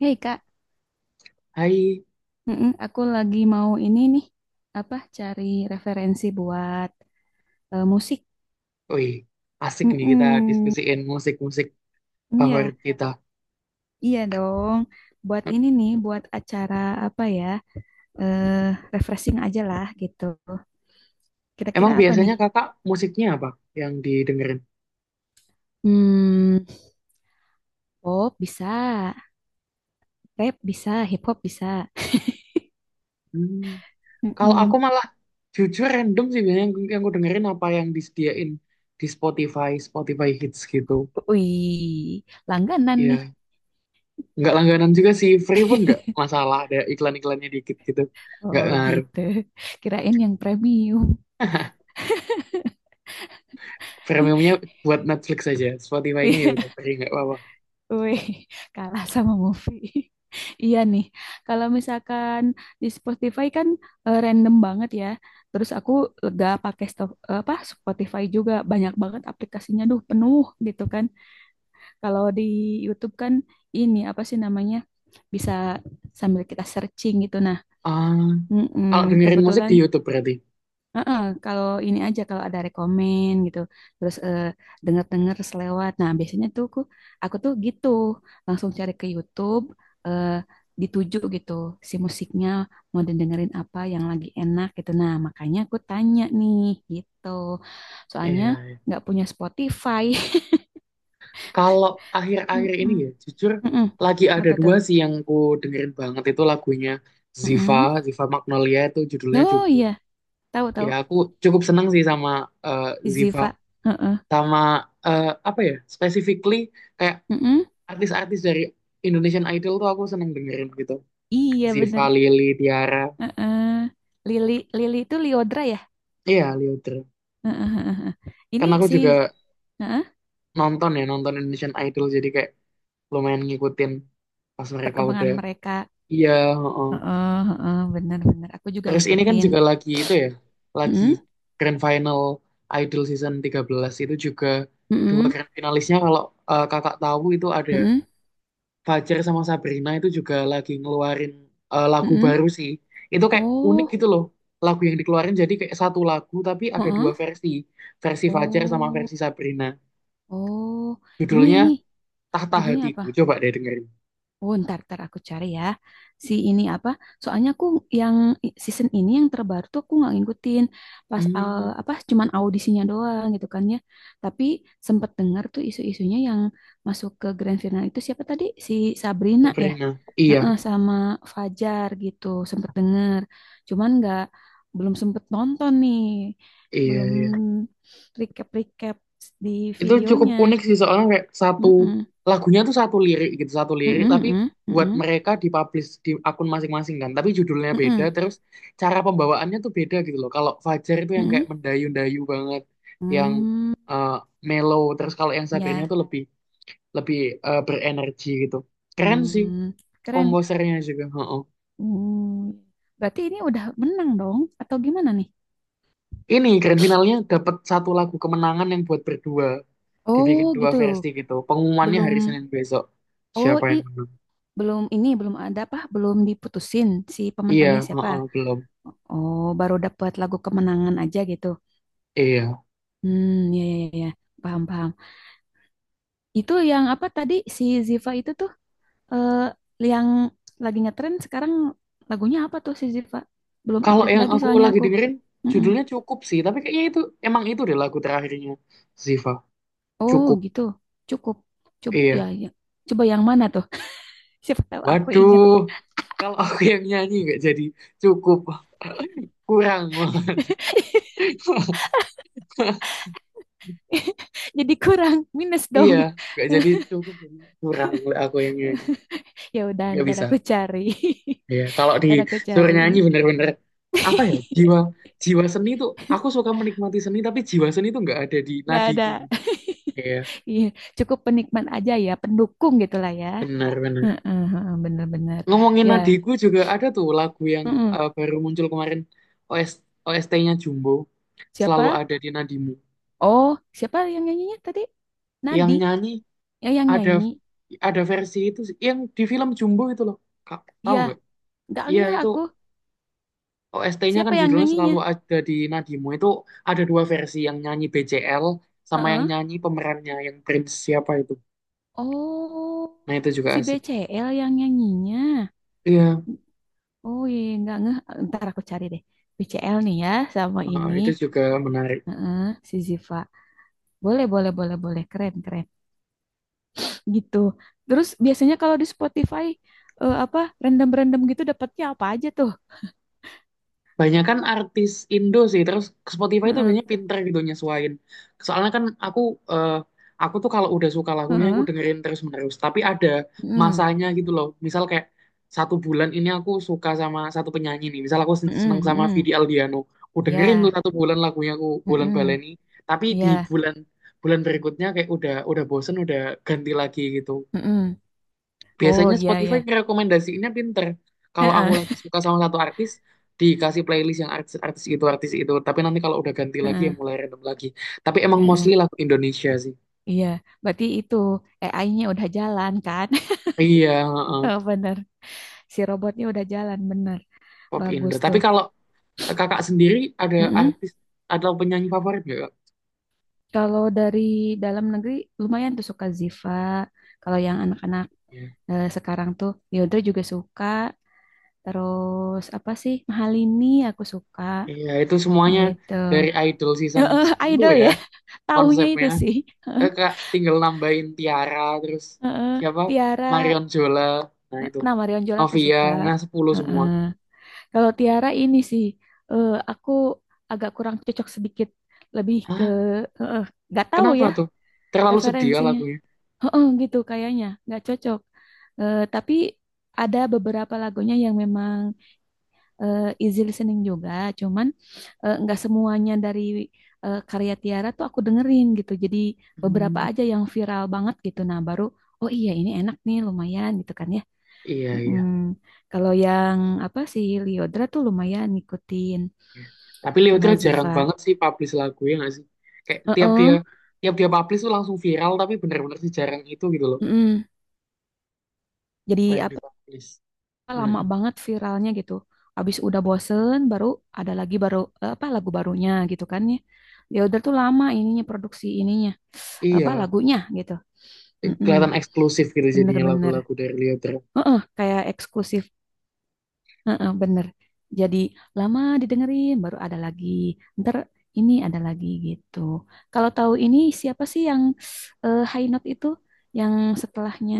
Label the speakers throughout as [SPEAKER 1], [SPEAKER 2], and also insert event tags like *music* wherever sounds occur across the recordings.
[SPEAKER 1] Hei Kak.
[SPEAKER 2] Hai,
[SPEAKER 1] Mm-mm, aku lagi mau ini nih, apa cari referensi buat musik.
[SPEAKER 2] wih, asik nih kita
[SPEAKER 1] Mm-mm.
[SPEAKER 2] diskusiin musik-musik
[SPEAKER 1] Iya,
[SPEAKER 2] favorit kita.
[SPEAKER 1] iya dong. Buat ini nih, buat acara apa ya, eh refreshing aja lah gitu. Kira-kira
[SPEAKER 2] Emang
[SPEAKER 1] apa nih?
[SPEAKER 2] biasanya kakak musiknya apa yang didengerin?
[SPEAKER 1] Hmm, pop bisa, rap bisa, hip hop bisa.
[SPEAKER 2] Hmm, kalau aku
[SPEAKER 1] Mm-mm.
[SPEAKER 2] malah jujur random sih biasanya yang aku dengerin apa yang disediain di Spotify, Spotify Hits gitu.
[SPEAKER 1] Wih, langganan nih.
[SPEAKER 2] Iya, nggak langganan juga sih, free pun nggak masalah, ada iklan-iklannya dikit gitu, nggak
[SPEAKER 1] Oh
[SPEAKER 2] ngaruh.
[SPEAKER 1] gitu. *laughs* Kirain yang premium.
[SPEAKER 2] *laughs* Premiumnya buat Netflix aja, Spotify-nya ya udah
[SPEAKER 1] *laughs*
[SPEAKER 2] free nggak apa-apa.
[SPEAKER 1] Wih, *laughs* kalah sama movie. *laughs* Iya nih, kalau misalkan di Spotify kan, random banget ya. Terus aku lega pakai apa Spotify juga banyak banget aplikasinya, duh penuh gitu kan. Kalau di YouTube kan ini apa sih namanya, bisa sambil kita searching gitu. Nah,
[SPEAKER 2] Ah, kalau
[SPEAKER 1] mm-mm,
[SPEAKER 2] dengerin musik
[SPEAKER 1] kebetulan.
[SPEAKER 2] di YouTube berarti.
[SPEAKER 1] Heeh, kalau ini aja kalau ada rekomen gitu, terus denger selewat nah biasanya tuh aku tuh gitu langsung cari ke YouTube, eh, dituju gitu si musiknya, mau dengerin apa yang lagi enak gitu, nah makanya aku tanya nih gitu, soalnya
[SPEAKER 2] Iya.
[SPEAKER 1] nggak punya Spotify. *laughs*
[SPEAKER 2] Kalau akhir-akhir ini
[SPEAKER 1] Mm-mm.
[SPEAKER 2] ya, jujur
[SPEAKER 1] Mm-mm.
[SPEAKER 2] lagi ada
[SPEAKER 1] Apa tuh?
[SPEAKER 2] dua sih yang ku dengerin banget itu lagunya Ziva,
[SPEAKER 1] Mm-mm.
[SPEAKER 2] Ziva Magnolia itu judulnya
[SPEAKER 1] Oh
[SPEAKER 2] cukup.
[SPEAKER 1] iya, tahu,
[SPEAKER 2] Ya
[SPEAKER 1] tahu.
[SPEAKER 2] aku cukup seneng sih sama eh, Ziva,
[SPEAKER 1] Ziva. Heeh.
[SPEAKER 2] sama apa ya, specifically kayak
[SPEAKER 1] Mm-mm.
[SPEAKER 2] artis-artis dari Indonesian Idol tuh aku seneng dengerin gitu.
[SPEAKER 1] Iya
[SPEAKER 2] Ziva,
[SPEAKER 1] bener.
[SPEAKER 2] Lili, Tiara,
[SPEAKER 1] Heeh. Lili Lili itu Liodra ya?
[SPEAKER 2] iya Liodra.
[SPEAKER 1] Heeh, heeh, heeh. Ini
[SPEAKER 2] Karena aku
[SPEAKER 1] si,
[SPEAKER 2] juga
[SPEAKER 1] heeh,
[SPEAKER 2] nonton ya, nonton Indonesian Idol jadi kayak lumayan ngikutin pas mereka udah.
[SPEAKER 1] perkembangan mereka.
[SPEAKER 2] Iya, heeh.
[SPEAKER 1] Heeh, heeh, benar-benar. Aku juga
[SPEAKER 2] Terus ini kan
[SPEAKER 1] ngikutin.
[SPEAKER 2] juga lagi itu ya, lagi
[SPEAKER 1] Heeh,
[SPEAKER 2] grand final Idol season 13 itu juga dua
[SPEAKER 1] heeh,
[SPEAKER 2] grand finalisnya kalau kakak tahu itu ada
[SPEAKER 1] heeh,
[SPEAKER 2] Fajar sama Sabrina itu juga lagi ngeluarin lagu
[SPEAKER 1] heeh.
[SPEAKER 2] baru sih. Itu kayak unik
[SPEAKER 1] Oh,
[SPEAKER 2] gitu loh. Lagu yang dikeluarin jadi kayak satu lagu tapi ada
[SPEAKER 1] heeh.
[SPEAKER 2] dua versi. Versi Fajar sama
[SPEAKER 1] Oh,
[SPEAKER 2] versi Sabrina.
[SPEAKER 1] oh. Ini
[SPEAKER 2] Judulnya
[SPEAKER 1] ini
[SPEAKER 2] Tahta
[SPEAKER 1] judulnya apa?
[SPEAKER 2] Hatiku. Coba deh dengerin.
[SPEAKER 1] Oh, ntar, ntar aku cari ya. Si ini apa? Soalnya aku yang season ini yang terbaru tuh aku nggak ngikutin. Pas
[SPEAKER 2] Hmm,
[SPEAKER 1] apa? Cuman audisinya doang gitu kan ya. Tapi sempet dengar tuh isu-isunya yang masuk ke grand final itu siapa tadi? Si Sabrina ya.
[SPEAKER 2] Sabrina. Iya,
[SPEAKER 1] Heeh, sama Fajar gitu. Sempet denger. Cuman nggak, belum sempet nonton nih.
[SPEAKER 2] iya,
[SPEAKER 1] Belum
[SPEAKER 2] iya.
[SPEAKER 1] recap-recap di
[SPEAKER 2] Itu cukup unik
[SPEAKER 1] videonya.
[SPEAKER 2] sih soalnya kayak satu lagunya tuh satu lirik gitu, satu lirik
[SPEAKER 1] Mm-mm,
[SPEAKER 2] tapi
[SPEAKER 1] mm-mm,
[SPEAKER 2] buat
[SPEAKER 1] mm-mm,
[SPEAKER 2] mereka dipublish di akun masing-masing kan. Tapi judulnya beda
[SPEAKER 1] mm-mm,
[SPEAKER 2] terus cara pembawaannya tuh beda gitu loh. Kalau Fajar itu yang kayak
[SPEAKER 1] mm-mm.
[SPEAKER 2] mendayu-dayu banget, yang
[SPEAKER 1] Hmm,
[SPEAKER 2] eh, mellow. Terus kalau yang Sabrina
[SPEAKER 1] ya.
[SPEAKER 2] tuh lebih lebih berenergi gitu. Keren sih
[SPEAKER 1] Hmm, keren.
[SPEAKER 2] komposernya juga. Heeh.
[SPEAKER 1] Hmm, berarti ini udah menang dong, atau gimana nih?
[SPEAKER 2] Ini grand finalnya dapat satu lagu kemenangan yang buat berdua dibikin
[SPEAKER 1] Oh,
[SPEAKER 2] dua
[SPEAKER 1] gitu.
[SPEAKER 2] versi gitu. Pengumumannya hari
[SPEAKER 1] Belum.
[SPEAKER 2] Senin besok.
[SPEAKER 1] Oh,
[SPEAKER 2] Siapa yang menang?
[SPEAKER 1] belum, ini belum ada apa? Belum diputusin si
[SPEAKER 2] Iya,
[SPEAKER 1] pemenangnya siapa?
[SPEAKER 2] heeh, belum.
[SPEAKER 1] Oh, baru dapat lagu kemenangan aja gitu.
[SPEAKER 2] Iya.
[SPEAKER 1] Hmm, ya, ya, ya, ya. Paham, paham. Itu yang apa tadi, si Ziva itu tuh, eh, yang lagi ngetren sekarang lagunya apa tuh si Ziva? Belum
[SPEAKER 2] Kalau
[SPEAKER 1] update
[SPEAKER 2] yang
[SPEAKER 1] lagi
[SPEAKER 2] aku
[SPEAKER 1] soalnya
[SPEAKER 2] lagi
[SPEAKER 1] aku.
[SPEAKER 2] dengerin
[SPEAKER 1] Mm-mm.
[SPEAKER 2] judulnya Cukup sih, tapi kayaknya itu emang itu deh lagu terakhirnya Ziva.
[SPEAKER 1] Oh
[SPEAKER 2] Cukup.
[SPEAKER 1] gitu, cukup. Coba ya,
[SPEAKER 2] Iya.
[SPEAKER 1] ya. Coba yang mana tuh? *laughs* Siapa tahu aku inget.
[SPEAKER 2] Waduh. Kalau *laughs* aku yang nyanyi nggak jadi cukup, kurang. *laughs*
[SPEAKER 1] *laughs* Jadi kurang minus
[SPEAKER 2] Iya,
[SPEAKER 1] dong.
[SPEAKER 2] nggak jadi
[SPEAKER 1] *laughs*
[SPEAKER 2] cukup jadi kurang oleh aku yang nyanyi.
[SPEAKER 1] Ya udah,
[SPEAKER 2] Nggak
[SPEAKER 1] ntar
[SPEAKER 2] bisa.
[SPEAKER 1] aku cari.
[SPEAKER 2] Iya, kalau
[SPEAKER 1] *laughs* Ntar aku
[SPEAKER 2] disuruh
[SPEAKER 1] cari.
[SPEAKER 2] nyanyi bener-bener apa ya
[SPEAKER 1] *laughs*
[SPEAKER 2] jiwa jiwa seni tuh aku suka menikmati seni tapi jiwa seni tuh nggak ada di
[SPEAKER 1] Gak ada.
[SPEAKER 2] nadiku.
[SPEAKER 1] *laughs*
[SPEAKER 2] Iya,
[SPEAKER 1] Iya, cukup penikmat aja ya, pendukung gitulah ya.
[SPEAKER 2] benar-benar.
[SPEAKER 1] Heeh, heeh, bener-bener.
[SPEAKER 2] Ngomongin
[SPEAKER 1] Ya,
[SPEAKER 2] adikku juga ada tuh lagu yang
[SPEAKER 1] heeh.
[SPEAKER 2] baru muncul kemarin OS, OST-nya Jumbo selalu
[SPEAKER 1] Siapa?
[SPEAKER 2] ada di nadimu.
[SPEAKER 1] Oh, siapa yang nyanyinya tadi?
[SPEAKER 2] Yang
[SPEAKER 1] Nadi,
[SPEAKER 2] nyanyi
[SPEAKER 1] ya yang
[SPEAKER 2] ada
[SPEAKER 1] nyanyi.
[SPEAKER 2] ada versi itu sih, yang di film Jumbo itu loh. Kak, tahu
[SPEAKER 1] Ya,
[SPEAKER 2] nggak?
[SPEAKER 1] nggak
[SPEAKER 2] Iya
[SPEAKER 1] ngeh
[SPEAKER 2] itu
[SPEAKER 1] aku.
[SPEAKER 2] OST-nya
[SPEAKER 1] Siapa
[SPEAKER 2] kan
[SPEAKER 1] yang
[SPEAKER 2] judulnya
[SPEAKER 1] nyanyinya?
[SPEAKER 2] selalu ada di nadimu. Itu ada dua versi yang nyanyi BCL sama yang
[SPEAKER 1] Heeh.
[SPEAKER 2] nyanyi pemerannya yang Prince siapa itu.
[SPEAKER 1] Oh,
[SPEAKER 2] Nah itu juga
[SPEAKER 1] si
[SPEAKER 2] asik.
[SPEAKER 1] BCL yang nyanyinya.
[SPEAKER 2] Iya,
[SPEAKER 1] Oh iya, iya, nggak ngeh. Ntar aku cari deh. BCL nih ya, sama ini.
[SPEAKER 2] itu juga menarik.
[SPEAKER 1] Heeh, si Ziva. Boleh, boleh, boleh, boleh. Keren, keren. Gitu. Terus biasanya kalau di Spotify, apa, random-random gitu dapatnya apa aja tuh?
[SPEAKER 2] Banyak kan artis Indo sih, terus ke Spotify itu
[SPEAKER 1] Heeh,
[SPEAKER 2] biasanya pinter gitu nyesuaiin. Soalnya kan eh, aku tuh kalau udah suka lagunya aku
[SPEAKER 1] heeh,
[SPEAKER 2] dengerin terus-menerus, tapi ada
[SPEAKER 1] heeh,
[SPEAKER 2] masanya gitu loh. Misal kayak satu bulan ini aku suka sama satu penyanyi nih. Misal aku
[SPEAKER 1] heeh,
[SPEAKER 2] seneng sama
[SPEAKER 1] heeh.
[SPEAKER 2] Vidi Aldiano, aku dengerin tuh
[SPEAKER 1] Ya,
[SPEAKER 2] satu bulan lagunya aku bulan
[SPEAKER 1] heeh,
[SPEAKER 2] baleni, tapi di
[SPEAKER 1] ya,
[SPEAKER 2] bulan bulan berikutnya kayak udah bosen udah ganti lagi gitu.
[SPEAKER 1] heeh. Oh,
[SPEAKER 2] Biasanya
[SPEAKER 1] iya,
[SPEAKER 2] Spotify
[SPEAKER 1] ya.
[SPEAKER 2] ngerekomendasiinnya pinter. Kalau aku
[SPEAKER 1] Heeh,
[SPEAKER 2] lagi suka sama satu artis, dikasih playlist yang artis-artis itu, artis itu. Tapi nanti kalau udah ganti lagi, ya
[SPEAKER 1] heeh,
[SPEAKER 2] mulai random lagi. Tapi emang
[SPEAKER 1] heeh.
[SPEAKER 2] mostly lagu Indonesia sih.
[SPEAKER 1] Iya, berarti itu AI-nya udah jalan kan? *laughs*
[SPEAKER 2] Iya, heeh,
[SPEAKER 1] Oh, bener. Si robotnya udah jalan bener,
[SPEAKER 2] pop
[SPEAKER 1] bagus
[SPEAKER 2] Indo. Tapi
[SPEAKER 1] tuh.
[SPEAKER 2] kalau kakak sendiri ada
[SPEAKER 1] Mm-mm.
[SPEAKER 2] artis atau penyanyi favorit nggak, Kak?
[SPEAKER 1] Kalau dari dalam negeri, lumayan tuh suka Ziva. Kalau yang anak-anak,
[SPEAKER 2] Iya,
[SPEAKER 1] sekarang tuh Yodra juga suka, terus apa sih, Mahalini aku suka
[SPEAKER 2] iya, itu semuanya
[SPEAKER 1] gitu.
[SPEAKER 2] dari Idol season 10
[SPEAKER 1] Idol
[SPEAKER 2] ya
[SPEAKER 1] ya. *laughs* Taunya itu
[SPEAKER 2] konsepnya.
[SPEAKER 1] sih.
[SPEAKER 2] Eh,
[SPEAKER 1] *laughs*
[SPEAKER 2] Kak tinggal nambahin Tiara, terus
[SPEAKER 1] Heeh,
[SPEAKER 2] siapa?
[SPEAKER 1] Tiara,
[SPEAKER 2] Marion Jola, nah itu.
[SPEAKER 1] nah Marion Jola aku
[SPEAKER 2] Novia,
[SPEAKER 1] suka.
[SPEAKER 2] nah 10
[SPEAKER 1] Heeh.
[SPEAKER 2] semua.
[SPEAKER 1] Kalau Tiara ini sih, aku agak kurang cocok sedikit, lebih ke,
[SPEAKER 2] Ah,
[SPEAKER 1] eh, eh, nggak tahu
[SPEAKER 2] kenapa
[SPEAKER 1] ya
[SPEAKER 2] tuh? Terlalu sedia
[SPEAKER 1] referensinya.
[SPEAKER 2] lagunya.
[SPEAKER 1] Heeh, gitu kayaknya nggak cocok. Tapi ada beberapa lagunya yang memang easy listening juga, cuman nggak semuanya dari karya Tiara tuh aku dengerin gitu. Jadi beberapa
[SPEAKER 2] Hmm,
[SPEAKER 1] aja yang viral banget gitu. Nah baru, oh iya ini enak nih, lumayan gitu kan ya.
[SPEAKER 2] iya, iya.
[SPEAKER 1] Mm-mm. Kalau yang apa sih, Liodra tuh lumayan ngikutin
[SPEAKER 2] Iya. Tapi Leotra
[SPEAKER 1] sama
[SPEAKER 2] jarang
[SPEAKER 1] Ziva.
[SPEAKER 2] banget sih publish lagu ya nggak sih? Kayak tiap dia
[SPEAKER 1] Heeh,
[SPEAKER 2] tiap dia publish tuh langsung viral tapi bener-bener sih jarang itu gitu loh.
[SPEAKER 1] mm-mm.
[SPEAKER 2] Apa
[SPEAKER 1] Jadi
[SPEAKER 2] yang
[SPEAKER 1] apa?
[SPEAKER 2] dipublish.
[SPEAKER 1] Lama
[SPEAKER 2] Mm-mm.
[SPEAKER 1] banget viralnya gitu. Abis udah bosen baru ada lagi, baru apa lagu barunya gitu kan ya. Ya udah tuh lama ininya, produksi ininya, apa
[SPEAKER 2] Iya,
[SPEAKER 1] lagunya gitu. Mm-mm,
[SPEAKER 2] kelihatan eksklusif gitu jadinya
[SPEAKER 1] bener-bener.
[SPEAKER 2] lagu-lagu dari Leotra.
[SPEAKER 1] Heeh, kayak eksklusif. Heeh, bener. Jadi lama didengerin baru ada lagi. Ntar ini ada lagi gitu. Kalau tahu ini siapa sih yang High Note itu, yang setelahnya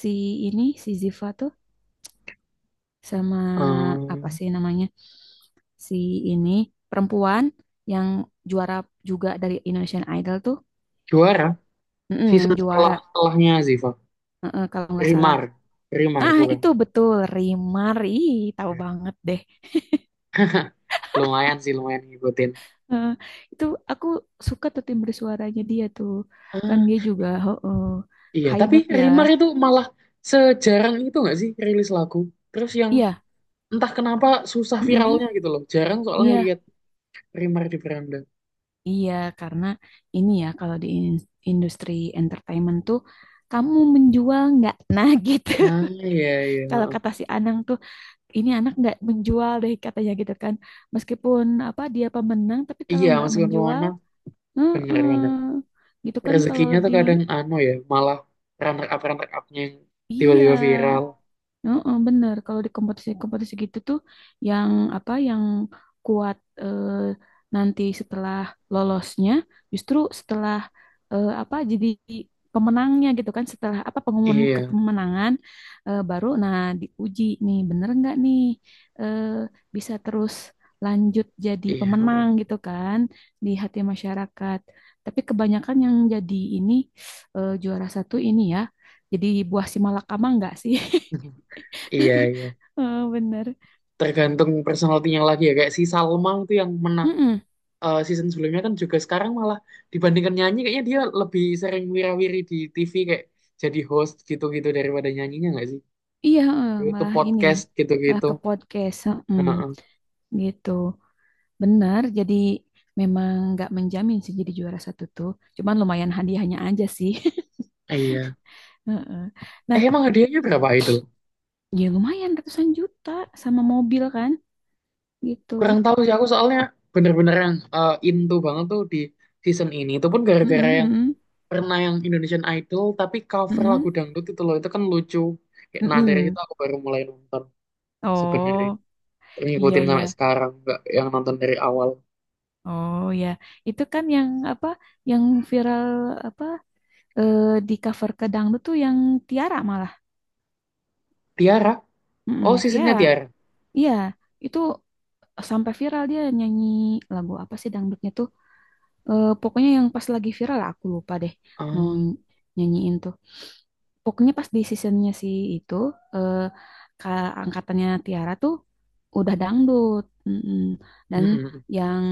[SPEAKER 1] si ini, si Ziva tuh sama apa
[SPEAKER 2] Ehm,
[SPEAKER 1] sih namanya, si ini perempuan yang juara juga dari Indonesian Idol tuh,
[SPEAKER 2] Juara
[SPEAKER 1] mm-mm, yang
[SPEAKER 2] season
[SPEAKER 1] juara
[SPEAKER 2] setelahnya Ziva.
[SPEAKER 1] mm-mm, kalau nggak salah.
[SPEAKER 2] Rimar, Rimar
[SPEAKER 1] Ah itu
[SPEAKER 2] bukan.
[SPEAKER 1] betul Rimar, ih tahu
[SPEAKER 2] Ya.
[SPEAKER 1] banget deh. *laughs*
[SPEAKER 2] Lumayan sih lumayan ngikutin.
[SPEAKER 1] Eh, itu aku suka tuh timbre suaranya dia tuh, kan dia juga heeh,
[SPEAKER 2] Iya,
[SPEAKER 1] high
[SPEAKER 2] tapi
[SPEAKER 1] note ya.
[SPEAKER 2] Rimar itu malah sejarang itu nggak sih rilis lagu. Terus yang
[SPEAKER 1] Iya,
[SPEAKER 2] entah kenapa susah
[SPEAKER 1] mm-mm,
[SPEAKER 2] viralnya gitu loh. Jarang soalnya
[SPEAKER 1] iya,
[SPEAKER 2] lihat Rimar di beranda.
[SPEAKER 1] iya karena ini ya, kalau di industri entertainment tuh, kamu menjual nggak? Nah gitu.
[SPEAKER 2] Ah,
[SPEAKER 1] *laughs*
[SPEAKER 2] iya, iya.
[SPEAKER 1] Kalau
[SPEAKER 2] Heeh.
[SPEAKER 1] kata si Anang tuh, ini anak nggak menjual deh katanya gitu kan. Meskipun apa dia pemenang, tapi kalau
[SPEAKER 2] Iya,
[SPEAKER 1] nggak
[SPEAKER 2] meskipun
[SPEAKER 1] menjual,
[SPEAKER 2] pewarna
[SPEAKER 1] heeh,
[SPEAKER 2] benar-benar
[SPEAKER 1] gitu kan kalau
[SPEAKER 2] rezekinya tuh
[SPEAKER 1] di.
[SPEAKER 2] kadang anu ya, malah runner upnya yang
[SPEAKER 1] Iya.
[SPEAKER 2] tiba-tiba viral.
[SPEAKER 1] Heeh, bener. Kalau di kompetisi-kompetisi gitu tuh, yang apa, yang kuat eh, nanti setelah lolosnya, justru setelah apa jadi pemenangnya gitu kan, setelah apa pengumuman
[SPEAKER 2] Iya,
[SPEAKER 1] kepemenangan baru, nah diuji nih bener nggak nih, eh, bisa terus lanjut jadi
[SPEAKER 2] iya.
[SPEAKER 1] pemenang
[SPEAKER 2] Heeh.
[SPEAKER 1] gitu kan di hati masyarakat. Tapi kebanyakan yang jadi ini, juara satu ini ya, jadi buah si malakama nggak sih? *laughs*
[SPEAKER 2] *laughs* Iya, iya.
[SPEAKER 1] Heeh, bener.
[SPEAKER 2] Tergantung personalitinya lagi ya. Kayak si Salma itu yang menang.
[SPEAKER 1] Mm-mm.
[SPEAKER 2] Season sebelumnya kan juga sekarang malah dibandingkan nyanyi kayaknya dia lebih sering wirawiri wiri di TV kayak jadi host gitu-gitu daripada nyanyinya nggak sih?
[SPEAKER 1] Iya, heeh,
[SPEAKER 2] YouTube
[SPEAKER 1] malah ini,
[SPEAKER 2] podcast
[SPEAKER 1] malah
[SPEAKER 2] gitu-gitu.
[SPEAKER 1] ke podcast, heeh,
[SPEAKER 2] Heeh.
[SPEAKER 1] gitu. Bener, jadi memang nggak menjamin sih jadi juara satu tuh. Cuman lumayan hadiahnya aja sih. *laughs*
[SPEAKER 2] Iya.
[SPEAKER 1] Heeh. Nah,
[SPEAKER 2] Eh, emang hadiahnya berapa Idol?
[SPEAKER 1] ya lumayan ratusan juta sama mobil kan, gitu.
[SPEAKER 2] Kurang tahu sih aku soalnya bener-bener yang into banget tuh di season ini. Itu pun gara-gara
[SPEAKER 1] Mm-mm,
[SPEAKER 2] yang
[SPEAKER 1] mm-mm,
[SPEAKER 2] pernah yang Indonesian Idol tapi cover lagu
[SPEAKER 1] mm-mm,
[SPEAKER 2] dangdut itu loh itu kan lucu. Kayak nah dari itu
[SPEAKER 1] mm-mm.
[SPEAKER 2] aku baru mulai nonton sebenarnya.
[SPEAKER 1] Oh, iya
[SPEAKER 2] Ngikutin
[SPEAKER 1] ya.
[SPEAKER 2] sampai sekarang nggak yang nonton dari awal.
[SPEAKER 1] Oh ya, itu kan yang apa, yang viral apa, eh, di cover ke dangdut tuh yang Tiara malah,
[SPEAKER 2] Tiara.
[SPEAKER 1] mm-mm,
[SPEAKER 2] Oh, seasonnya
[SPEAKER 1] Tiara.
[SPEAKER 2] Tiara.
[SPEAKER 1] Iya, itu sampai viral dia nyanyi lagu apa sih dangdutnya tuh. Pokoknya yang pas lagi viral lah, aku lupa deh
[SPEAKER 2] Ah,
[SPEAKER 1] mau
[SPEAKER 2] mm,
[SPEAKER 1] nyanyiin tuh. Pokoknya pas di seasonnya si itu, eh, ke angkatannya Tiara tuh udah dangdut. Mm-mm.
[SPEAKER 2] mm,
[SPEAKER 1] Dan
[SPEAKER 2] mm.
[SPEAKER 1] yang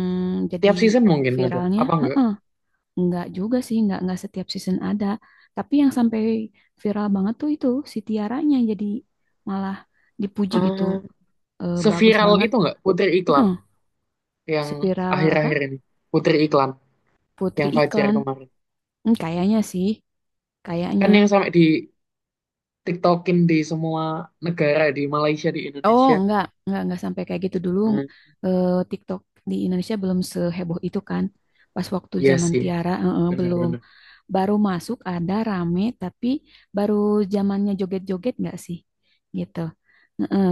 [SPEAKER 1] jadi
[SPEAKER 2] Tiap season mungkin ada,
[SPEAKER 1] viralnya
[SPEAKER 2] apa enggak?
[SPEAKER 1] nggak juga sih, nggak setiap season ada. Tapi yang sampai viral banget tuh itu si Tiaranya, jadi malah dipuji gitu.
[SPEAKER 2] Ah,
[SPEAKER 1] Bagus
[SPEAKER 2] seviral
[SPEAKER 1] banget.
[SPEAKER 2] itu enggak Putri Iklan yang
[SPEAKER 1] Spiral
[SPEAKER 2] akhir-akhir
[SPEAKER 1] apa?
[SPEAKER 2] ini. Putri Iklan
[SPEAKER 1] Putri
[SPEAKER 2] yang Fajar
[SPEAKER 1] Iklan.
[SPEAKER 2] kemarin.
[SPEAKER 1] Hmm, kayaknya sih,
[SPEAKER 2] Kan
[SPEAKER 1] kayaknya.
[SPEAKER 2] yang sampai di TikTokin di semua negara di Malaysia di
[SPEAKER 1] Oh,
[SPEAKER 2] Indonesia.
[SPEAKER 1] enggak, enggak sampai kayak gitu dulu.
[SPEAKER 2] Hmm,
[SPEAKER 1] TikTok di Indonesia belum seheboh itu kan. Pas waktu
[SPEAKER 2] iya
[SPEAKER 1] zaman
[SPEAKER 2] sih,
[SPEAKER 1] Tiara, belum.
[SPEAKER 2] benar-benar.
[SPEAKER 1] Baru masuk ada rame, tapi baru zamannya joget-joget enggak sih? Gitu. Eh, eh,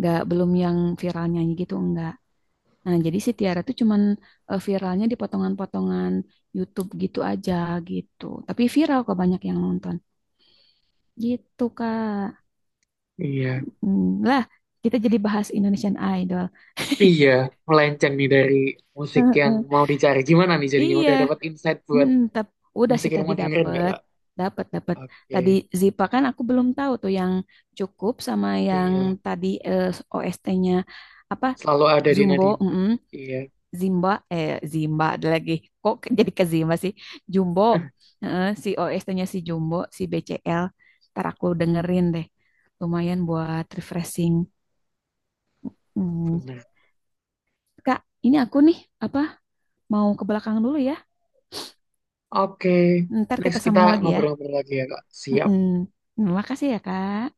[SPEAKER 1] Enggak, belum yang viral nyanyi gitu, enggak. Nah, jadi si Tiara tuh cuman viralnya di potongan-potongan YouTube gitu aja gitu. Tapi viral kok banyak yang nonton. Gitu, Kak.
[SPEAKER 2] Iya.
[SPEAKER 1] Hmm, lah, kita jadi bahas Indonesian Idol.
[SPEAKER 2] Iya, melenceng nih dari musik yang
[SPEAKER 1] Heeh.
[SPEAKER 2] mau dicari. Gimana nih jadinya
[SPEAKER 1] Iya,
[SPEAKER 2] udah dapat insight buat
[SPEAKER 1] mm, udah
[SPEAKER 2] musik
[SPEAKER 1] sih
[SPEAKER 2] yang
[SPEAKER 1] tadi
[SPEAKER 2] mau dengerin nggak,
[SPEAKER 1] dapet,
[SPEAKER 2] Kak?
[SPEAKER 1] dapet, dapet.
[SPEAKER 2] Oke.
[SPEAKER 1] Tadi Zipa kan aku belum tahu tuh yang cukup sama yang
[SPEAKER 2] Iya,
[SPEAKER 1] tadi, OST-nya apa,
[SPEAKER 2] selalu ada di
[SPEAKER 1] Zumbo,
[SPEAKER 2] nadimu.
[SPEAKER 1] mm,
[SPEAKER 2] Iya.
[SPEAKER 1] Zimba, Zimba ada lagi. Kok jadi ke Zimba sih? Jumbo,
[SPEAKER 2] *laughs*
[SPEAKER 1] si OST-nya si Jumbo, si BCL. Ntar aku dengerin deh. Lumayan buat refreshing. Hmm.
[SPEAKER 2] Benar.
[SPEAKER 1] Kak, ini aku nih, apa, mau ke belakang dulu ya.
[SPEAKER 2] Oke,
[SPEAKER 1] Ntar kita
[SPEAKER 2] next kita
[SPEAKER 1] sambung lagi ya.
[SPEAKER 2] ngobrol-ngobrol lagi ya, Kak. Siap.
[SPEAKER 1] Mm-mm. Terima kasih ya, Kak.